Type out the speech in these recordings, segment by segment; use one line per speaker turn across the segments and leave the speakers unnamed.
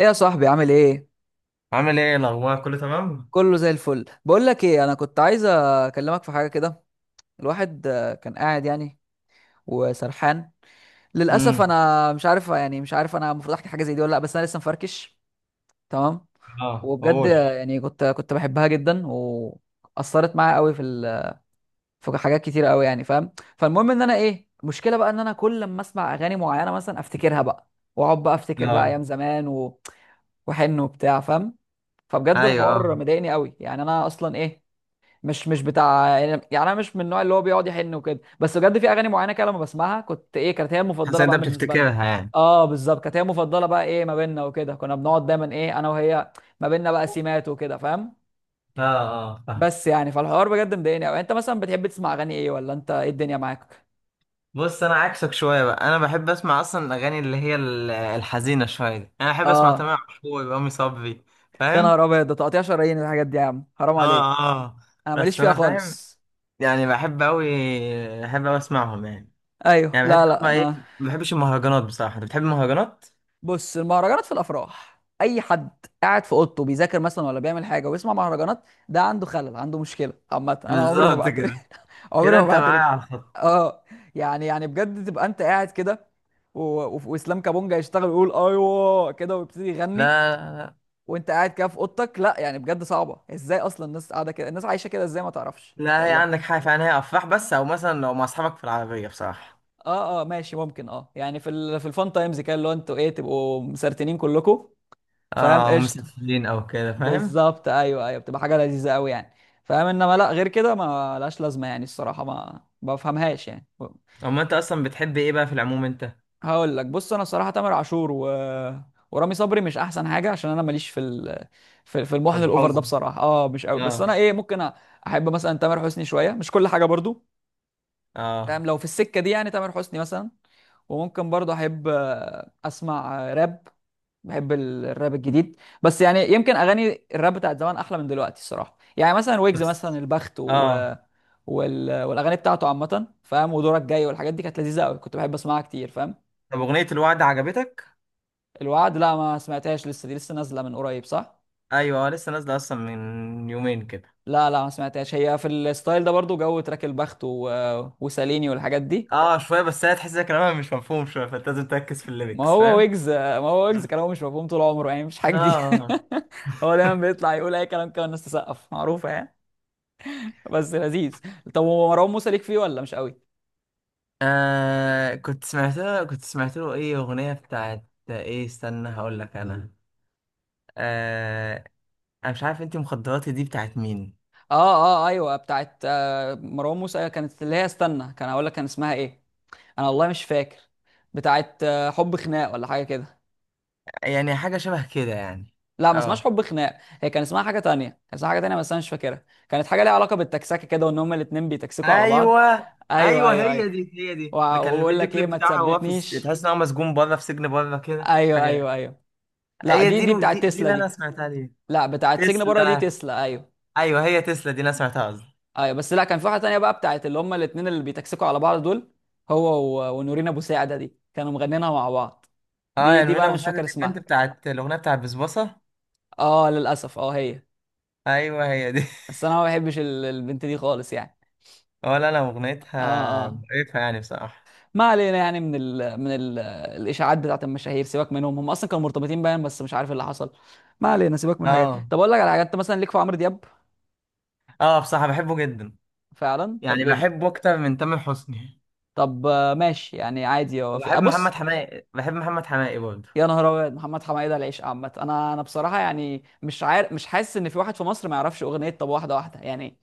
ايه يا صاحبي عامل ايه؟
عامل ايه؟ الاخبار كله تمام؟
كله زي الفل. بقول لك ايه، انا كنت عايز اكلمك في حاجه كده. الواحد كان قاعد يعني وسرحان. للاسف
امم.
انا مش عارف، يعني مش عارف انا المفروض احكي حاجه زي دي ولا لا، بس انا لسه مفركش. تمام،
اه،
وبجد
قول.
يعني كنت بحبها جدا، واثرت معايا قوي في في حاجات كتير قوي، يعني فاهم. فالمهم ان انا ايه المشكله بقى، ان انا كل لما اسمع اغاني معينه مثلا افتكرها بقى، واقعد بقى افتكر بقى
اه،
ايام زمان وحن وبتاع، فاهم؟ فبجد
ايوه، اه.
الحوار مضايقني قوي، يعني انا اصلا ايه، مش بتاع يعني، يعني انا مش من النوع اللي هو بيقعد يحن وكده، بس بجد في اغاني معينه كده لما بسمعها كنت ايه، كانت هي
حاسس
المفضله
ان انت
بقى بالنسبه لنا.
بتفتكرها يعني؟
اه بالظبط، كانت هي المفضله بقى، ايه، ما بيننا وكده، كنا بنقعد دايما ايه انا وهي، ما بيننا بقى سيمات وكده، فاهم؟
اه، اه، فاهم.
بس يعني فالحوار بجد مضايقني قوي. انت مثلا بتحب تسمع اغاني ايه؟ ولا انت ايه الدنيا معاك؟
بص، انا عكسك شويه بقى. انا بحب اسمع اصلا الاغاني اللي هي الحزينه شويه دي. انا بحب اسمع تامر
اه،
عاشور، رامي صبري.
يا
فاهم؟
نهار ابيض، ده تقطيع شرايين الحاجات دي، يا عم حرام عليك.
اه، اه،
انا ماليش
بس
فيها
انا فاهم.
خالص.
يعني بحب اوي، بحب اوي اسمعهم يعني.
ايوه،
يعني بحس ان
لا لا،
هما
انا
ايه، ما بحبش المهرجانات بصراحه. انت بتحب المهرجانات؟
بص، المهرجانات في الافراح اي حد. قاعد في اوضته بيذاكر مثلا ولا بيعمل حاجه ويسمع مهرجانات، ده عنده خلل، عنده مشكله. عامه انا عمري ما
بالظبط
بعترف
كده.
عمري
كده
ما
انت معايا
بعترف.
على الخط.
اه يعني، يعني بجد تبقى انت قاعد كده واسلام كابونجا يشتغل ويقول ايوه كده ويبتدي
لا،
يغني،
لا، لا.
وانت قاعد كده في اوضتك؟ لا يعني بجد صعبه. ازاي اصلا الناس قاعده كده؟ الناس عايشه كده ازاي؟ ما تعرفش
لا، هي
والله.
عندك حاجة فعلا، هي أفراح بس، أو مثلا لو مع أصحابك في العربية بصراحة.
اه اه ماشي ممكن، اه يعني في في الفان تايمز كده، اللي هو انتوا ايه، تبقوا مسرتنين كلكم، فاهم؟
اه، أو
قشطه.
مسافرين أو كده، فاهم.
بالظبط، ايوه ايوه، بتبقى حاجه لذيذه قوي، يعني فاهم. انما لا، غير كده ما لهاش لازمه يعني. الصراحه ما بفهمهاش يعني.
أما أنت أصلا بتحب إيه بقى في العموم أنت؟
هقول لك، بص انا الصراحه تامر عاشور ورامي صبري مش احسن حاجه، عشان انا ماليش في في في
في
المحن الاوفر ده،
الحزن.
بصراحه اه مش قوي. بس
اه،
انا ايه، ممكن احب مثلا تامر حسني شويه، مش كل حاجه برضو،
اه،
فاهم؟ لو في السكه دي يعني، تامر حسني مثلا. وممكن برضو احب اسمع راب. بحب الراب الجديد، بس يعني يمكن اغاني الراب بتاعت زمان احلى من دلوقتي الصراحه. يعني مثلا ويجز، مثلا
بس
البخت و...
اه.
وال... والاغاني بتاعته عامه، فاهم؟ ودورك جاي والحاجات دي كانت لذيذه قوي، كنت بحب اسمعها كتير فاهم.
طب أغنية الوعد عجبتك؟
الوعد، لا ما سمعتهاش لسه، دي لسه نازله من قريب، صح؟
أيوة، لسه نازلة أصلا من يومين كده.
لا لا ما سمعتهاش، هي في الستايل ده برضو، جو تراك البخت وساليني والحاجات دي.
اه، شوية بس. هي تحس إن كلامها مش مفهوم شوية فأنت لازم تركز في
ما
الليركس،
هو
فاهم؟
ويجز، ما هو ويجز كلامه مش مفهوم طول عمره يعني، مش حاجه
اه،
دي.
آه.
هو دايما بيطلع يقول اي كلام كده، الناس تسقف، معروفه يعني. بس لذيذ. طب هو مروان موسى ليك فيه ولا مش قوي؟
كنت سمعت له إيه أغنية بتاعت. إيه، استنى هقول لك أنا. آه. انا مش عارف انت مخدراتي دي بتاعت مين.
اه اه ايوه، بتاعت آه مروان موسى، كانت اللي هي، استنى كان هقول لك، كان اسمها ايه؟ انا والله مش فاكر. بتاعت آه حب خناق ولا حاجه كده.
يعني حاجه شبه كده يعني.
لا ما اسمهاش
اه،
حب خناق، هي كان اسمها حاجه تانية، كان اسمها حاجه تانية بس انا مش فاكرها. كانت حاجه ليها علاقه بالتكسكه كده، وان هما الاتنين بيتكسكوا على بعض.
ايوه،
ايوه
ايوه،
ايوه ايوه،
هي دي، هي دي اللي كان
وبقول
الفيديو
لك ايه،
كليب
ما
بتاعها، هو في
تثبتنيش.
تحس ان هو مسجون بره، في سجن بره كده،
ايوه
حاجه غريبة.
ايوه ايوه، لا
هي
دي
دي
دي
اللي-
بتاعت
دي دي
تسلا
اللي انا
دي.
سمعتها ليه.
لا، بتاعت سجن بره دي
تسلا.
تسلا، ايوه.
ايوه، هي تسلا دي اللي انا سمعتها قصدي.
ايوه بس لا، كان في واحده تانية بقى، بتاعت اللي هما الاثنين اللي بيتكسكوا على بعض دول. هو ونورين ابو ساعده دي كانوا مغنينها مع بعض،
اه،
دي
يعني
دي بقى
منى
انا
ابو
مش
سعد
فاكر
دي، البنت
اسمها.
بتاعت الاغنيه بتاعت بسبوسه.
اه للاسف، اه هي.
ايوه، هي دي.
بس انا ما بحبش البنت دي خالص يعني.
ولا انا،
اه
اغنيتها
اه.
مقرفه يعني بصراحه.
ما علينا، يعني من ال من ال الاشاعات بتاعت المشاهير، سيبك منهم، هم اصلا كانوا مرتبطين باين بس مش عارف إيه اللي حصل. ما علينا، سيبك من الحاجات دي.
اه،
طب اقول لك على حاجات، انت مثلا ليك في عمرو دياب؟
اه، بصراحه بحبه جدا.
فعلا، طب
يعني
ليه
بحبه اكتر من تامر حسني.
طب ماشي، يعني عادي، هو في
وبحب محمد
ابص،
حماقي، بحب محمد حماقي برضه.
يا نهار ابيض، محمد حمايده العيش عامه. انا بصراحه يعني مش عارف، مش حاسس ان في واحد في مصر ما يعرفش اغنيه طب واحده واحده يعني.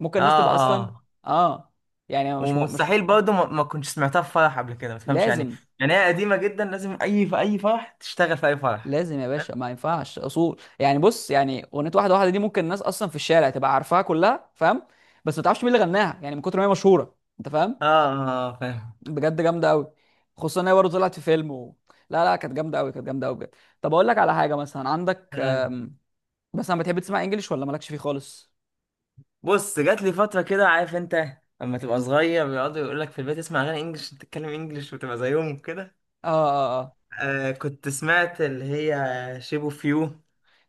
ممكن الناس
اه،
تبقى اصلا،
اه،
اه يعني مش
ومستحيل برضه ما كنتش سمعتها في فرح قبل كده، ما تفهمش يعني.
لازم.
يعني هي قديمة جدا، لازم في اي فرح تشتغل، في اي فرح.
لازم يا
فاهم؟
باشا، ما ينفعش اصول يعني. بص يعني اغنيه واحده واحده دي ممكن الناس اصلا في الشارع تبقى عارفاها كلها، فاهم؟ بس ما تعرفش مين اللي غناها يعني، من كتر ما هي مشهوره، انت فاهم؟
اه، اه، آه، فاهم.
بجد جامده قوي. خصوصا ان هي برضه طلعت في فيلم لا لا كانت جامده قوي، كانت جامده قوي بجد. طب اقول لك على حاجه، مثلا عندك،
آه.
مثلا بتحب تسمع انجليش ولا مالكش فيه خالص؟
بص، جات لي فترة كده، عارف انت لما تبقى صغير بيقعدوا يقول لك في البيت اسمع اغاني انجلش، تتكلم انجلش وتبقى زيهم كده.
اه اه.
آه، كنت سمعت اللي هي شيب اوف يو، اه.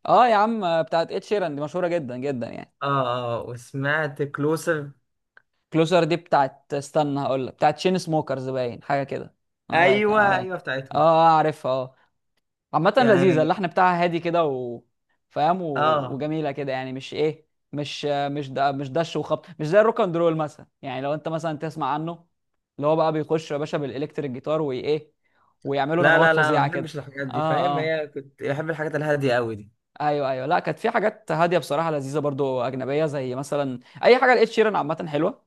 اه اه، يا عم، بتاعت اتش شيران دي مشهوره جدا جدا يعني.
اه، وسمعت كلوسر.
كلوزر دي بتاعت، استنى هقول لك، بتاعت شين سموكرز باين، حاجه كده، انا فاكر انا
ايوه،
فاكر
ايوه،
اه
بتاعتهم.
عارفها، اه. عامه لذيذه،
يعني
اللحن بتاعها هادي كده و فاهم
اه،
وجميله كده يعني، مش ايه، مش مش ده، مش دش وخبط، مش زي الروك اند رول مثلا يعني. لو انت مثلا تسمع عنه، اللي هو بقى بيخش يا باشا بالالكتريك جيتار وايه، ويعملوا
لا،
نغمات
لا، لا، ما
فظيعه
بحبش
كده.
الحاجات دي فاهم،
اه اه،
هي كنت بحب الحاجات الهادية قوي دي.
ايوه ايوه، لا كانت في حاجات هاديه بصراحه لذيذه برضو اجنبيه، زي مثلا، اي حاجه لقيت شيرن عامه حلوه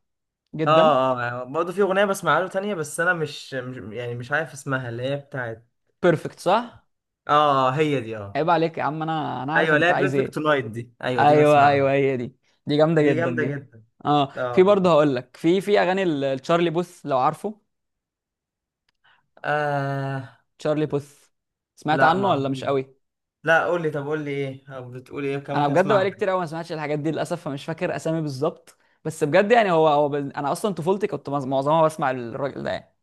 اه،
جدا.
اه، برضه في اغنية بسمعها له تانية، بس انا مش عارف اسمها اللي هي بتاعت.
بيرفكت، صح.
اه، اه، آه، هي دي، اه.
عيب عليك يا عم، انا عارف
ايوه
انت
لا،
عايز
بيرفكت
ايه.
نايت دي، ايوه دي
ايوه ايوه
بسمعها.
هي دي، دي جامده
دي
جدا
جامدة
دي.
جدا.
اه،
اه، اه،
في
آه.
برضه هقول لك، في اغاني التشارلي بوث لو عارفه.
آه،
تشارلي بوث، سمعت
لا
عنه
ما،
ولا مش قوي؟
لا قول لي، طب قول لي ايه او بتقول ايه، كان
انا
ممكن
بجد
اسمعها.
بقالي كتير قوي ما سمعتش الحاجات دي للاسف، فمش فاكر اسامي بالظبط، بس بجد يعني هو انا اصلا طفولتي كنت معظمها بسمع الراجل ده يعني.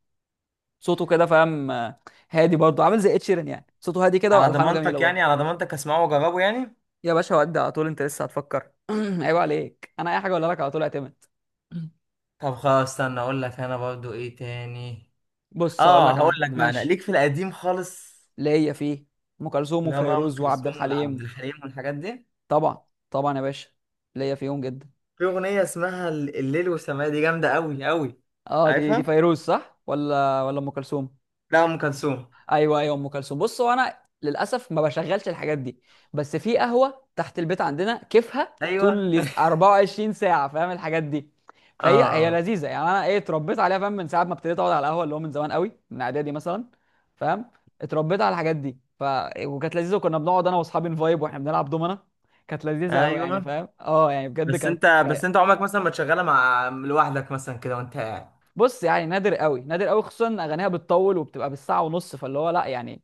صوته كده، فاهم؟ هادي برضه، عامل زي ed sheeran يعني، صوته هادي كده
على
والحانه جميله
ضمانتك يعني، على
برضه.
ضمانتك اسمعه واجربه يعني.
يا باشا، ودي على طول، انت لسه هتفكر؟ عيب عليك، انا اي حاجه اقولها لك على طول اعتمد.
طب خلاص، استنى اقول لك انا برضه ايه تاني.
بص اقول
اه،
لك،
هقول
انا
لك بقى، انا
ماشي
ليك في القديم خالص.
ليا فيه ام كلثوم
لا بقى، ام
وفيروز وعبد
كلثوم والعبد
الحليم.
الحليم والحاجات دي.
طبعا، طبعا يا باشا، ليا فيهم جدا.
في اغنيه اسمها الليل والسماء دي، جامده قوي قوي.
اه، دي
عارفها.
فيروز، صح ولا ام كلثوم؟
لا، ام كلثوم.
ايوه ايوه ام كلثوم. بص، هو انا للاسف ما بشغلش الحاجات دي، بس في قهوه تحت البيت عندنا كيفها
ايوه.
طول ال 24 ساعه، فاهم الحاجات دي.
اه،
فهي
اه،
لذيذه يعني، انا ايه اتربيت عليها، فاهم؟ من ساعه ما ابتديت اقعد على القهوه، اللي هو من زمان قوي، من اعدادي مثلا، فاهم؟ اتربيت على الحاجات دي. ف وكانت لذيذه، وكنا بنقعد انا واصحابي نفايب واحنا بنلعب دومنا، كانت لذيذه قوي يعني،
ايوه،
فاهم؟ اه يعني بجد
بس
كانت
انت بس
رايقه.
انت عمرك مثلا ما تشغلها مع لوحدك مثلا كده وانت قاعد؟
بص يعني نادر قوي، نادر قوي، خصوصا ان اغانيها بتطول وبتبقى بالساعه ونص، فاللي هو لا يعني.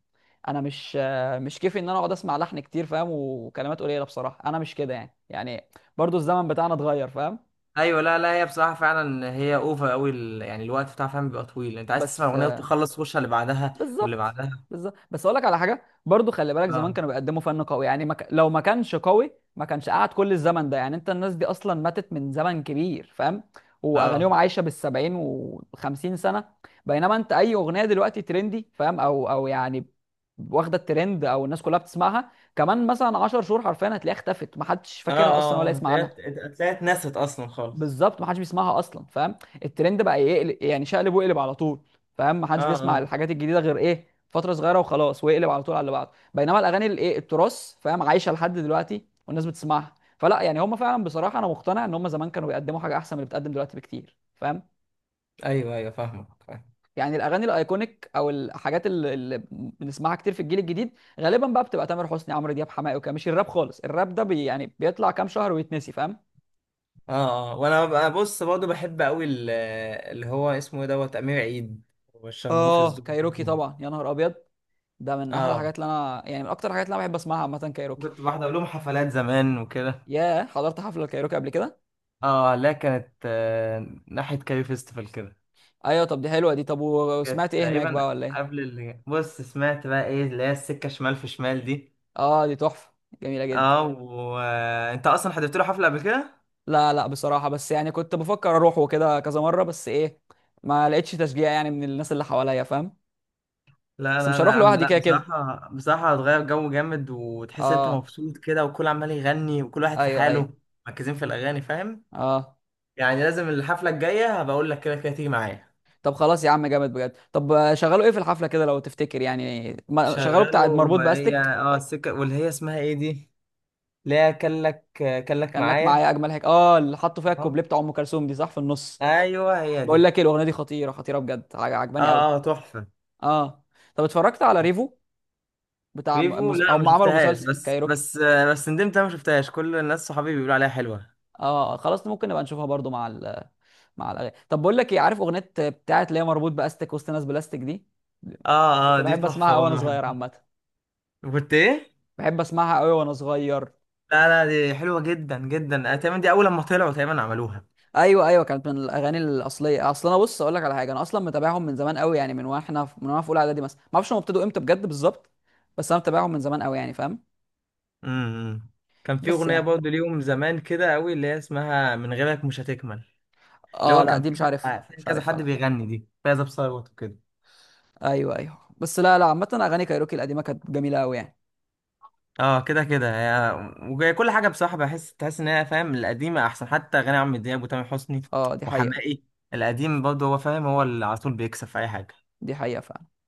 انا مش كيفي ان انا اقعد اسمع لحن كتير، فاهم؟ وكلمات قليله. بصراحه انا مش كده يعني، يعني برضو الزمن بتاعنا اتغير، فاهم؟
ايوه، لا لا، هي بصراحه فعلا هي اوفر قوي، يعني الوقت بتاعها فعلا بيبقى طويل، انت عايز تسمع
بس
الاغنيه وتخلص تخش على اللي بعدها. واللي
بالظبط،
بعدها.
بالظبط، بس اقول لك على حاجه برضو، خلي بالك زمان
اه،
كانوا بيقدموا فن قوي يعني. ما ك... لو ما كانش قوي ما كانش قعد كل الزمن ده يعني. انت الناس دي اصلا ماتت من زمن كبير، فاهم؟ واغانيهم
اه،
عايشه بالسبعين وخمسين سنه. بينما انت، اي اغنيه دلوقتي ترندي، فاهم، او او يعني واخده الترند او الناس كلها بتسمعها، كمان مثلا 10 شهور حرفيا هتلاقيها اختفت، ما حدش
اه،
فاكرها اصلا ولا
اه،
يسمع
هتلاقيها،
عنها.
هتلاقيها اتنست اصلا خالص.
بالظبط، ما حدش بيسمعها اصلا، فاهم؟ الترند بقى يقلب يعني، شقلب وقلب على طول، فاهم؟ ما حدش
اه،
بيسمع
اه،
الحاجات الجديده غير ايه فتره صغيره وخلاص، ويقلب على طول على اللي بعده. بينما الاغاني الايه التراث، فاهم، عايشه لحد دلوقتي والناس بتسمعها. فلا يعني، هم فعلا بصراحه انا مقتنع ان هم زمان كانوا بيقدموا حاجه احسن من اللي بتقدم دلوقتي بكتير، فاهم؟
ايوه، ايوه، فاهمك.
يعني الاغاني الايكونيك او الحاجات اللي بنسمعها كتير في الجيل الجديد غالبا بقى بتبقى تامر حسني، عمرو دياب، حماقي وكده، مش الراب خالص. الراب ده بي يعني بيطلع كام شهر ويتنسي، فاهم؟
اه، اه، وانا بص، برضه بحب قوي اللي هو اسمه ايه، دوت، امير عيد والشرموفرز
اه
دول
كايروكي
بحبهم.
طبعا، يا نهار ابيض، ده من احلى
اه،
الحاجات اللي انا يعني، من اكتر الحاجات اللي انا بحب اسمعها عامه، كايروكي.
كنت بحضر لهم حفلات زمان وكده.
ياه، حضرت حفله الكايروكي قبل كده؟
اه لا، كانت ناحية كاري فيستيفال كده.
ايوه، طب دي حلوه دي، طب
كانت
وسمعت ايه هناك بقى
تقريبا
ولا ايه؟
قبل اللي، بص سمعت بقى ايه اللي هي السكة شمال، في شمال دي.
اه دي تحفه، جميله جدا.
اه، وانت اصلا حضرت له حفلة قبل كده؟
لا لا بصراحه، بس يعني كنت بفكر اروح وكده كذا مره، بس ايه، ما لقيتش تشجيع يعني من الناس اللي حواليا، فاهم؟
لا،
بس
لا،
مش
لا يا
هروح
عم،
لوحدي
لا
كده كده.
بصراحة، بصراحة هتغير جو جامد وتحس انت
اه،
مبسوط كده، وكل عمال يغني وكل واحد في
ايوه
حاله.
ايوه.
مركزين في الأغاني، فاهم؟
اه.
يعني لازم الحفلة الجاية هبقى اقول لك كده كده تيجي معايا.
طب خلاص يا عم، جامد بجد. طب شغلوا ايه في الحفله كده لو تفتكر؟ يعني شغلوا
شغاله
بتاع مربوط
وهي
باستك؟
السكة، واللي هي اسمها ايه دي، اللي هي كلك
كان لك
معايا.
معايا، اجمل هيك، اه، اللي حطوا فيها
اه،
الكوبليه بتاع ام كلثوم دي، صح، في النص.
ايوه هي دي.
بقول لك إيه، الاغنيه دي خطيره، خطيره بجد، عجباني قوي.
اه، اه، تحفة.
اه. طب اتفرجت على ريفو بتاع
فيفو، لا ما
هم عملوا
شفتهاش،
مسلسل
بس
كايروكي.
بس آه، بس ندمت انا ما شفتهاش، كل الناس صحابي بيقولوا عليها حلوة.
اه خلاص، ممكن نبقى نشوفها برضو مع مع الاغاني. طب بقول لك ايه، عارف اغنيه بتاعت اللي هي مربوط باستك وسط ناس بلاستيك دي؟
اه،
كنت
اه، دي
بحب اسمعها
تحفة
قوي وانا
برضه
صغير
بحبها.
عامه.
كنت ايه؟
بحب اسمعها قوي وانا صغير.
لا، لا، دي حلوة جدا جدا، تقريبا دي اول لما طلعوا تقريبا عملوها.
ايوه ايوه، كانت من الاغاني الاصليه. اصل انا بص اقول لك على حاجه، انا اصلا متابعهم من زمان قوي يعني، من من وانا في اولى اعدادي مثلا، ما اعرفش هم ابتدوا امتى بجد بالظبط، بس انا متابعهم من زمان قوي يعني، فاهم؟
امم كان في
بس
اغنية
يعني
برضه ليهم زمان كده قوي، اللي هي اسمها من غيرك مش هتكمل. اللي
اه
هو
لا
كان
دي
فيه
مش عارفها،
فيه كذا حد
لا.
بيغني، دي فايزة بثروت وكده.
ايوه ايوه، بس لا لا، عامة اغاني كايروكي القديمة كانت جميلة قوي يعني.
اه، كده كده وجاي كل حاجه بصراحه، تحس ان هي فاهم، القديمه احسن حتى اغاني عمرو دياب وتامر حسني
اه دي حقيقة.
وحماقي. القديم برضه هو فاهم، هو اللي على طول بيكسب في اي حاجه.
دي حقيقة فعلا.